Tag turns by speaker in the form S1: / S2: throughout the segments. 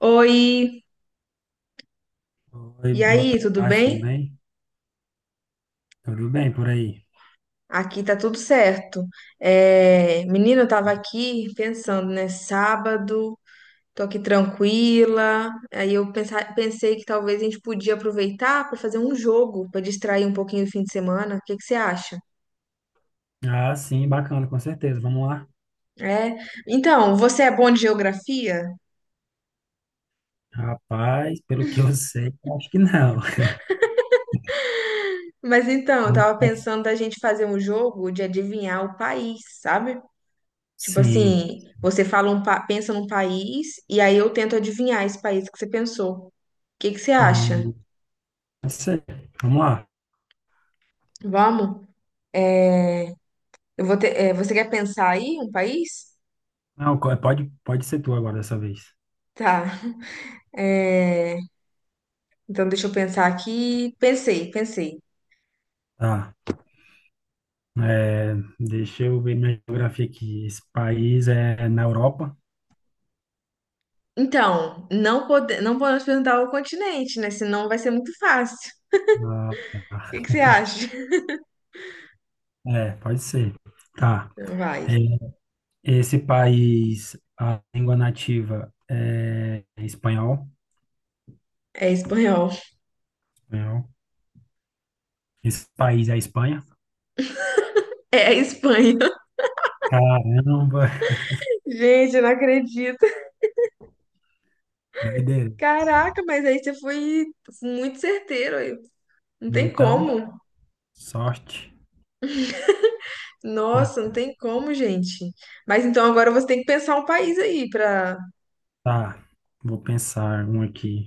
S1: Oi,
S2: Oi,
S1: e
S2: boa
S1: aí, tudo
S2: tarde, tudo
S1: bem?
S2: bem? Tá, tudo bem por aí?
S1: Aqui tá tudo certo. É, menina, eu tava aqui pensando, né? Sábado, tô aqui tranquila. Aí eu pensei que talvez a gente podia aproveitar pra fazer um jogo, pra distrair um pouquinho o fim de semana. O que que você acha?
S2: Ah, sim, bacana, com certeza. Vamos lá.
S1: É, então, você é bom de geografia?
S2: Rapaz, pelo que eu sei, acho que não.
S1: Mas então, eu
S2: Não
S1: tava
S2: posso-
S1: pensando da gente fazer um jogo de adivinhar o país, sabe? Tipo
S2: Sim.
S1: assim, você fala pensa num país e aí eu tento adivinhar esse país que você pensou. O que que você acha?
S2: Hum, não sei. Vamos lá.
S1: Vamos? Eu vou ter, é, você quer pensar aí um país?
S2: Não, pode ser tu agora dessa vez.
S1: Tá. É, então deixa eu pensar aqui. Pensei, pensei.
S2: Tá. É, deixa eu ver minha geografia aqui. Esse país é na Europa?
S1: Então, não pode, não podemos perguntar o continente, né? Senão vai ser muito fácil.
S2: Ah, tá.
S1: O que que você acha?
S2: É, pode ser. Tá.
S1: Então vai.
S2: É, esse país, a língua nativa é espanhol?
S1: É espanhol.
S2: Espanhol. Esse país é a Espanha?
S1: É a Espanha.
S2: Caramba,
S1: Gente, eu não acredito.
S2: que doideira.
S1: Caraca, mas aí você foi muito certeiro aí. Não tem
S2: Então,
S1: como.
S2: sorte.
S1: Nossa, não
S2: Ah,
S1: tem como, gente. Mas então agora você tem que pensar um país aí para.
S2: tá, vou pensar um aqui.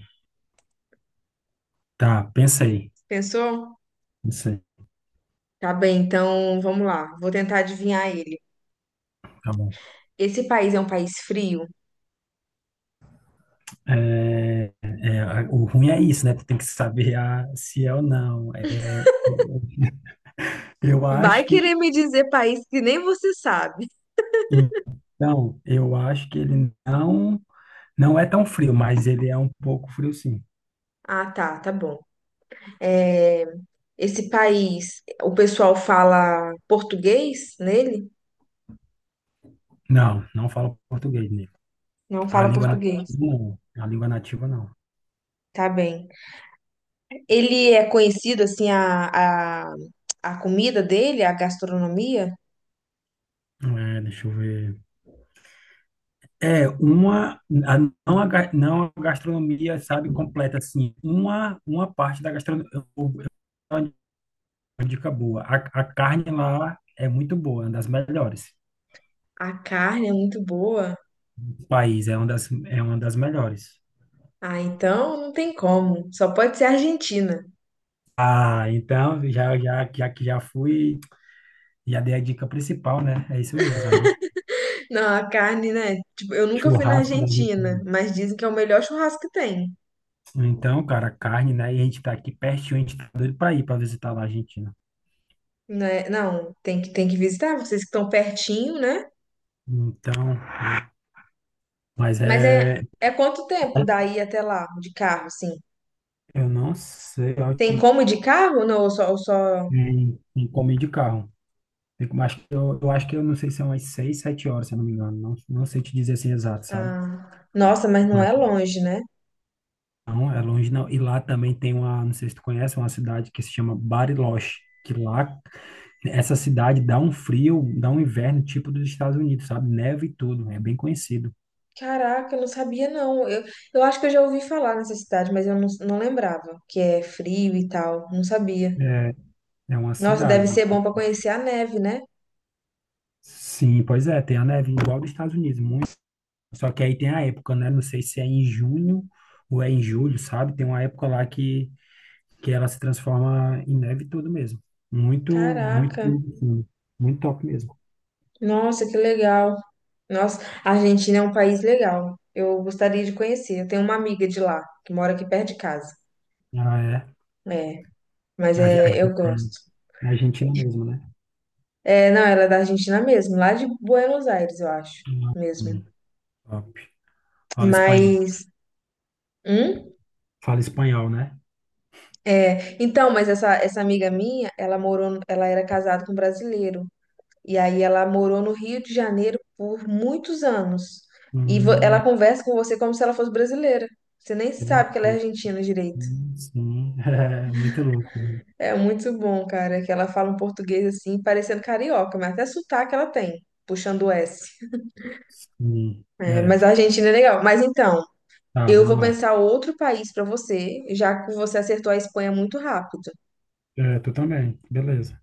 S2: Tá, pensei.
S1: Pensou?
S2: Pensei,
S1: Tá bem, então vamos lá. Vou tentar adivinhar ele.
S2: tá bom.
S1: Esse país é um país frio?
S2: É, é, o ruim é isso, né? Tu tem que saber se é ou não. É, eu acho
S1: Vai querer
S2: que.
S1: me dizer país que nem você sabe.
S2: Então, eu acho que ele não é tão frio, mas ele é um pouco frio, sim.
S1: Ah, tá, tá bom. É, esse país, o pessoal fala português nele?
S2: Não, não falo português, né?
S1: Não
S2: A
S1: fala
S2: língua nativa
S1: português.
S2: não. A língua nativa não.
S1: Tá bem. Ele é conhecido assim a comida dele, a gastronomia?
S2: É, deixa eu ver. É uma, a- não a, ga- Não a gastronomia, sabe, completa, assim, uma parte da gastronomia, eu vou dar uma dica boa, a carne lá é muito boa, é uma das melhores,
S1: A carne é muito boa.
S2: o país é uma das melhores.
S1: Ah, então não tem como. Só pode ser Argentina.
S2: Ah, então, já que já fui, já dei a dica principal, né, é isso mesmo, a gente,
S1: Não, a carne, né? Tipo, eu nunca fui na
S2: churrasco, né, a
S1: Argentina,
S2: gente,
S1: mas dizem que é o melhor churrasco que tem.
S2: então, cara, carne, né, e a gente tá aqui pertinho, a gente tá doido pra ir pra visitar lá a Argentina.
S1: Né? Não, tem que visitar vocês que estão pertinho, né?
S2: Então, mas
S1: Mas é,
S2: é,
S1: é quanto tempo daí até lá, de carro, assim?
S2: eu não sei
S1: Tem
S2: onde
S1: como ir de carro? Não, ou só...
S2: em comer de carro. Tem Acho que eu acho que eu não sei se são umas seis, sete horas, se eu não me engano. Não, não sei te dizer assim exato, sabe?
S1: Ah, nossa, mas não
S2: Mas
S1: é longe, né?
S2: não, é longe não. E lá também tem uma, não sei se tu conhece, uma cidade que se chama Bariloche, que lá essa cidade dá um frio, dá um inverno tipo dos Estados Unidos, sabe? Neve e tudo, é bem conhecido.
S1: Caraca, eu não sabia, não. Eu acho que eu já ouvi falar nessa cidade, mas eu não, não lembrava que é frio e tal. Não sabia.
S2: É, é uma
S1: Nossa, deve
S2: cidade.
S1: ser bom pra conhecer a neve, né?
S2: Sim, pois é, tem a neve igual dos Estados Unidos, muito. Só que aí tem a época, né? Não sei se é em junho ou é em julho, sabe? Tem uma época lá que ela se transforma em neve e tudo mesmo. Muito, muito,
S1: Caraca,
S2: muito, muito top mesmo.
S1: nossa, que legal. Nossa, a Argentina é um país legal. Eu gostaria de conhecer. Eu tenho uma amiga de lá, que mora aqui perto de casa.
S2: Ah, é
S1: É, mas
S2: a Ge- a
S1: é, eu
S2: Argentina,
S1: gosto.
S2: a Argentina mesmo, né?
S1: É, não, ela é da Argentina mesmo, lá de Buenos Aires, eu acho,
S2: Hum,
S1: mesmo.
S2: top. Fala espanhol.
S1: Mas, hum?
S2: Fala espanhol, né?
S1: É, então, mas essa amiga minha, ela morou, ela era casada com um brasileiro. E aí ela morou no Rio de Janeiro por muitos anos. Ela
S2: Hum,
S1: conversa com você como se ela fosse brasileira. Você nem
S2: que
S1: sabe que ela é
S2: louco.
S1: argentina direito.
S2: Sim, é muito louco, né?
S1: É muito bom, cara, que ela fala um português assim, parecendo carioca, mas até sotaque ela tem, puxando o S.
S2: Sim,
S1: É,
S2: é.
S1: mas a Argentina é legal. Mas então,
S2: Tá,
S1: eu
S2: vamos
S1: vou
S2: lá.
S1: pensar outro país pra você, já que você acertou a Espanha muito rápido.
S2: É, tu também, beleza.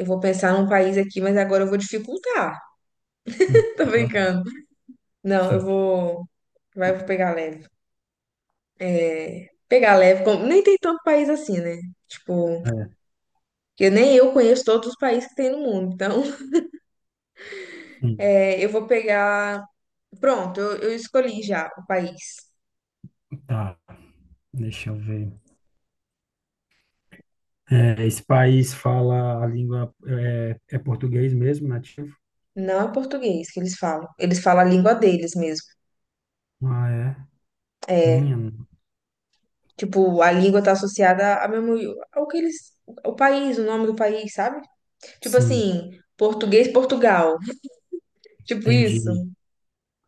S1: Eu vou pensar num país aqui, mas agora eu vou dificultar.
S2: Hum,
S1: Tô
S2: dar.
S1: brincando. Não, eu
S2: Hum,
S1: vou. Vai, eu vou pegar leve. É, pegar leve. Nem tem tanto país assim, né? Tipo,
S2: É,
S1: que nem eu conheço todos os países que tem no mundo. Então,
S2: sim,
S1: é, eu vou pegar. Pronto, eu escolhi já o país.
S2: tá. Deixa eu ver. É, esse país fala a língua é português mesmo, nativo?
S1: Não é português que eles falam. Eles falam a língua deles mesmo.
S2: Ah, é.
S1: É,
S2: Minha,
S1: tipo, a língua tá associada a mesmo ao que eles. O país, o nome do país, sabe? Tipo
S2: sim,
S1: assim, português, Portugal. Tipo isso.
S2: entendi.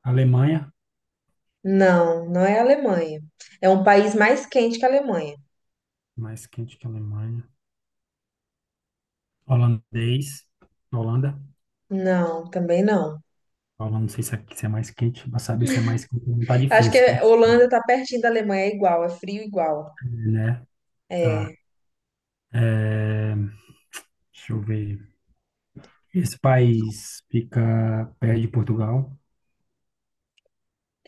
S2: Alemanha,
S1: Não, não é a Alemanha. É um país mais quente que a Alemanha.
S2: mais quente que a Alemanha. Holandês, Holanda.
S1: Não, também não.
S2: Holanda, não sei se é, mais quente, para saber se é mais quente não tá
S1: Acho que
S2: difícil,
S1: a Holanda tá pertinho da Alemanha, é igual, é frio igual.
S2: né? Tá.
S1: É.
S2: É, deixa eu ver. Esse país fica perto de Portugal,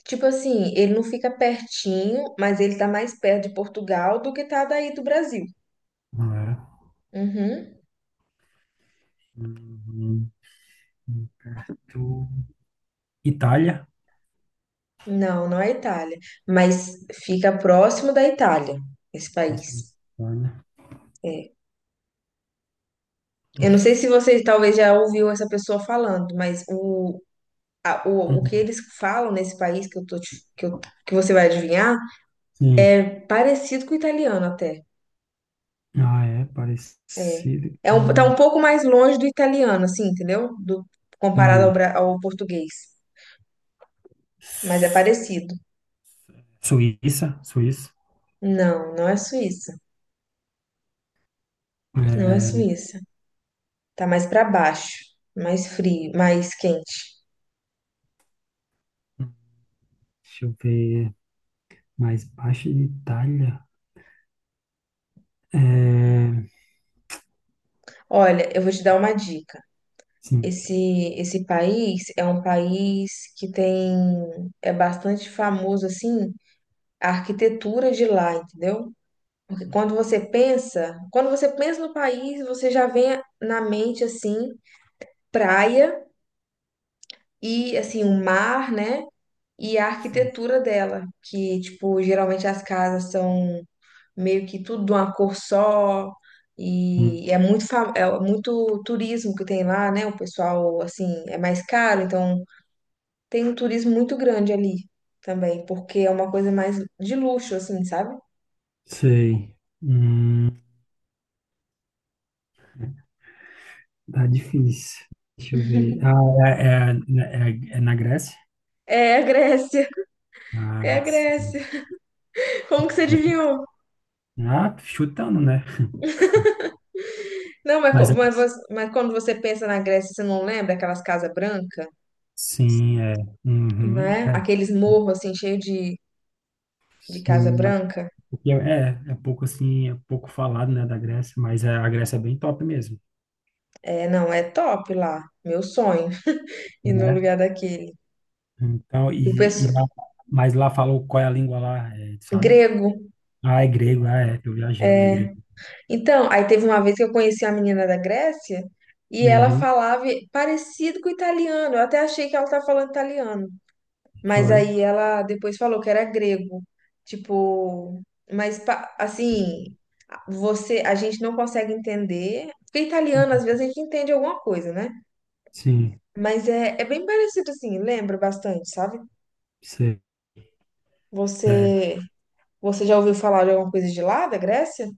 S1: Tipo assim, ele não fica pertinho, mas ele tá mais perto de Portugal do que tá daí do Brasil.
S2: não era?
S1: Uhum.
S2: Hum, muito- Itália.
S1: Não, não é Itália, mas fica próximo da Itália, esse
S2: Nossa,
S1: país.
S2: Itália.
S1: É. Eu não sei se você talvez já ouviu essa pessoa falando, mas o que
S2: Hum,
S1: eles falam nesse país que eu tô, te- que eu- que você vai adivinhar,
S2: Sim.
S1: é parecido com o italiano até.
S2: Ah, é
S1: É,
S2: parecido
S1: é um, tá um
S2: com.
S1: pouco mais longe do italiano, assim, entendeu? Do, comparado ao,
S2: Sim.
S1: ao português. Mas é parecido.
S2: Suíça, Suíça.
S1: Não, não é Suíça. Não é
S2: É,
S1: Suíça. Tá mais pra baixo, mais frio, mais quente.
S2: deixa eu ver. Mais baixo de Itália. É,
S1: Olha, eu vou te dar uma dica.
S2: sim,
S1: Esse, esse país é um país que tem, é bastante famoso, assim, a arquitetura de lá, entendeu? Porque quando você pensa no país, você já vem na mente, assim, praia e assim o mar, né? E a
S2: sim.
S1: arquitetura dela, que tipo geralmente as casas são meio que tudo de uma cor só
S2: Hum,
S1: e é é muito turismo que tem lá, né? O pessoal assim é mais caro, então tem um turismo muito grande ali também, porque é uma coisa mais de luxo assim, sabe?
S2: sei. Hum, tá difícil. Deixa eu ver. Ah, é, é na Grécia?
S1: É a Grécia, é a
S2: Ah, sim.
S1: Grécia. Como que você
S2: É,
S1: adivinhou?
S2: ah, chutando, né?
S1: Não,
S2: Mas é-
S1: mas, você- mas quando você pensa na Grécia, você não lembra aquelas casas brancas?
S2: sim, é. Uhum,
S1: Né?
S2: é.
S1: Aqueles morros assim cheios de Casa
S2: Sim, mas
S1: Branca,
S2: porque é pouco assim, é pouco falado, né, da Grécia, mas é, a Grécia é bem top mesmo.
S1: é, não, é top lá, meu sonho, ir no
S2: Né,
S1: lugar daquele.
S2: então,
S1: E o
S2: e
S1: pessoal,
S2: lá, mas lá falou qual é a língua lá, é, sabe?
S1: grego,
S2: Ah, é grego, ah, é, tô viajando, é
S1: é.
S2: grego.
S1: Então, aí teve uma vez que eu conheci a menina da Grécia e ela
S2: Uhum,
S1: falava parecido com italiano, eu até achei que ela estava falando italiano, mas
S2: foi.
S1: aí ela depois falou que era grego, tipo, mas assim, você, a gente não consegue entender, porque italiano às vezes a gente entende alguma coisa, né?
S2: Sim,
S1: Mas é, é bem parecido assim, lembra bastante, sabe?
S2: sei. É,
S1: Você, você já ouviu falar de alguma coisa de lá, da Grécia?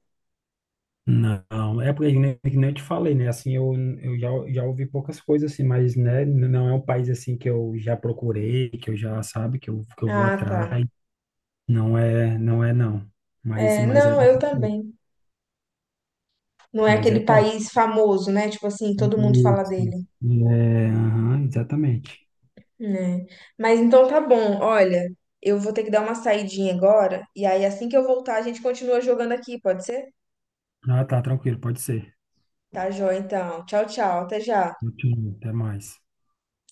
S2: não, é porque nem que nem eu te falei, né? Assim, eu já ouvi poucas coisas assim, mas né, não é um país assim que eu já procurei, que eu já sabe, que eu vou
S1: Ah, tá.
S2: atrás. Não é, não é não. Mas,
S1: É,
S2: mas é,
S1: não, eu também. Não é
S2: mas é
S1: aquele
S2: top.
S1: país famoso, né? Tipo assim, todo mundo fala
S2: Isso.
S1: dele,
S2: É, aham, exatamente.
S1: né? Mas então tá bom. Olha, eu vou ter que dar uma saidinha agora e aí assim que eu voltar a gente continua jogando aqui, pode ser?
S2: Ah, tá, tranquilo, pode ser.
S1: Tá, joia, então. Tchau, tchau. Até já.
S2: Muito bom, até mais.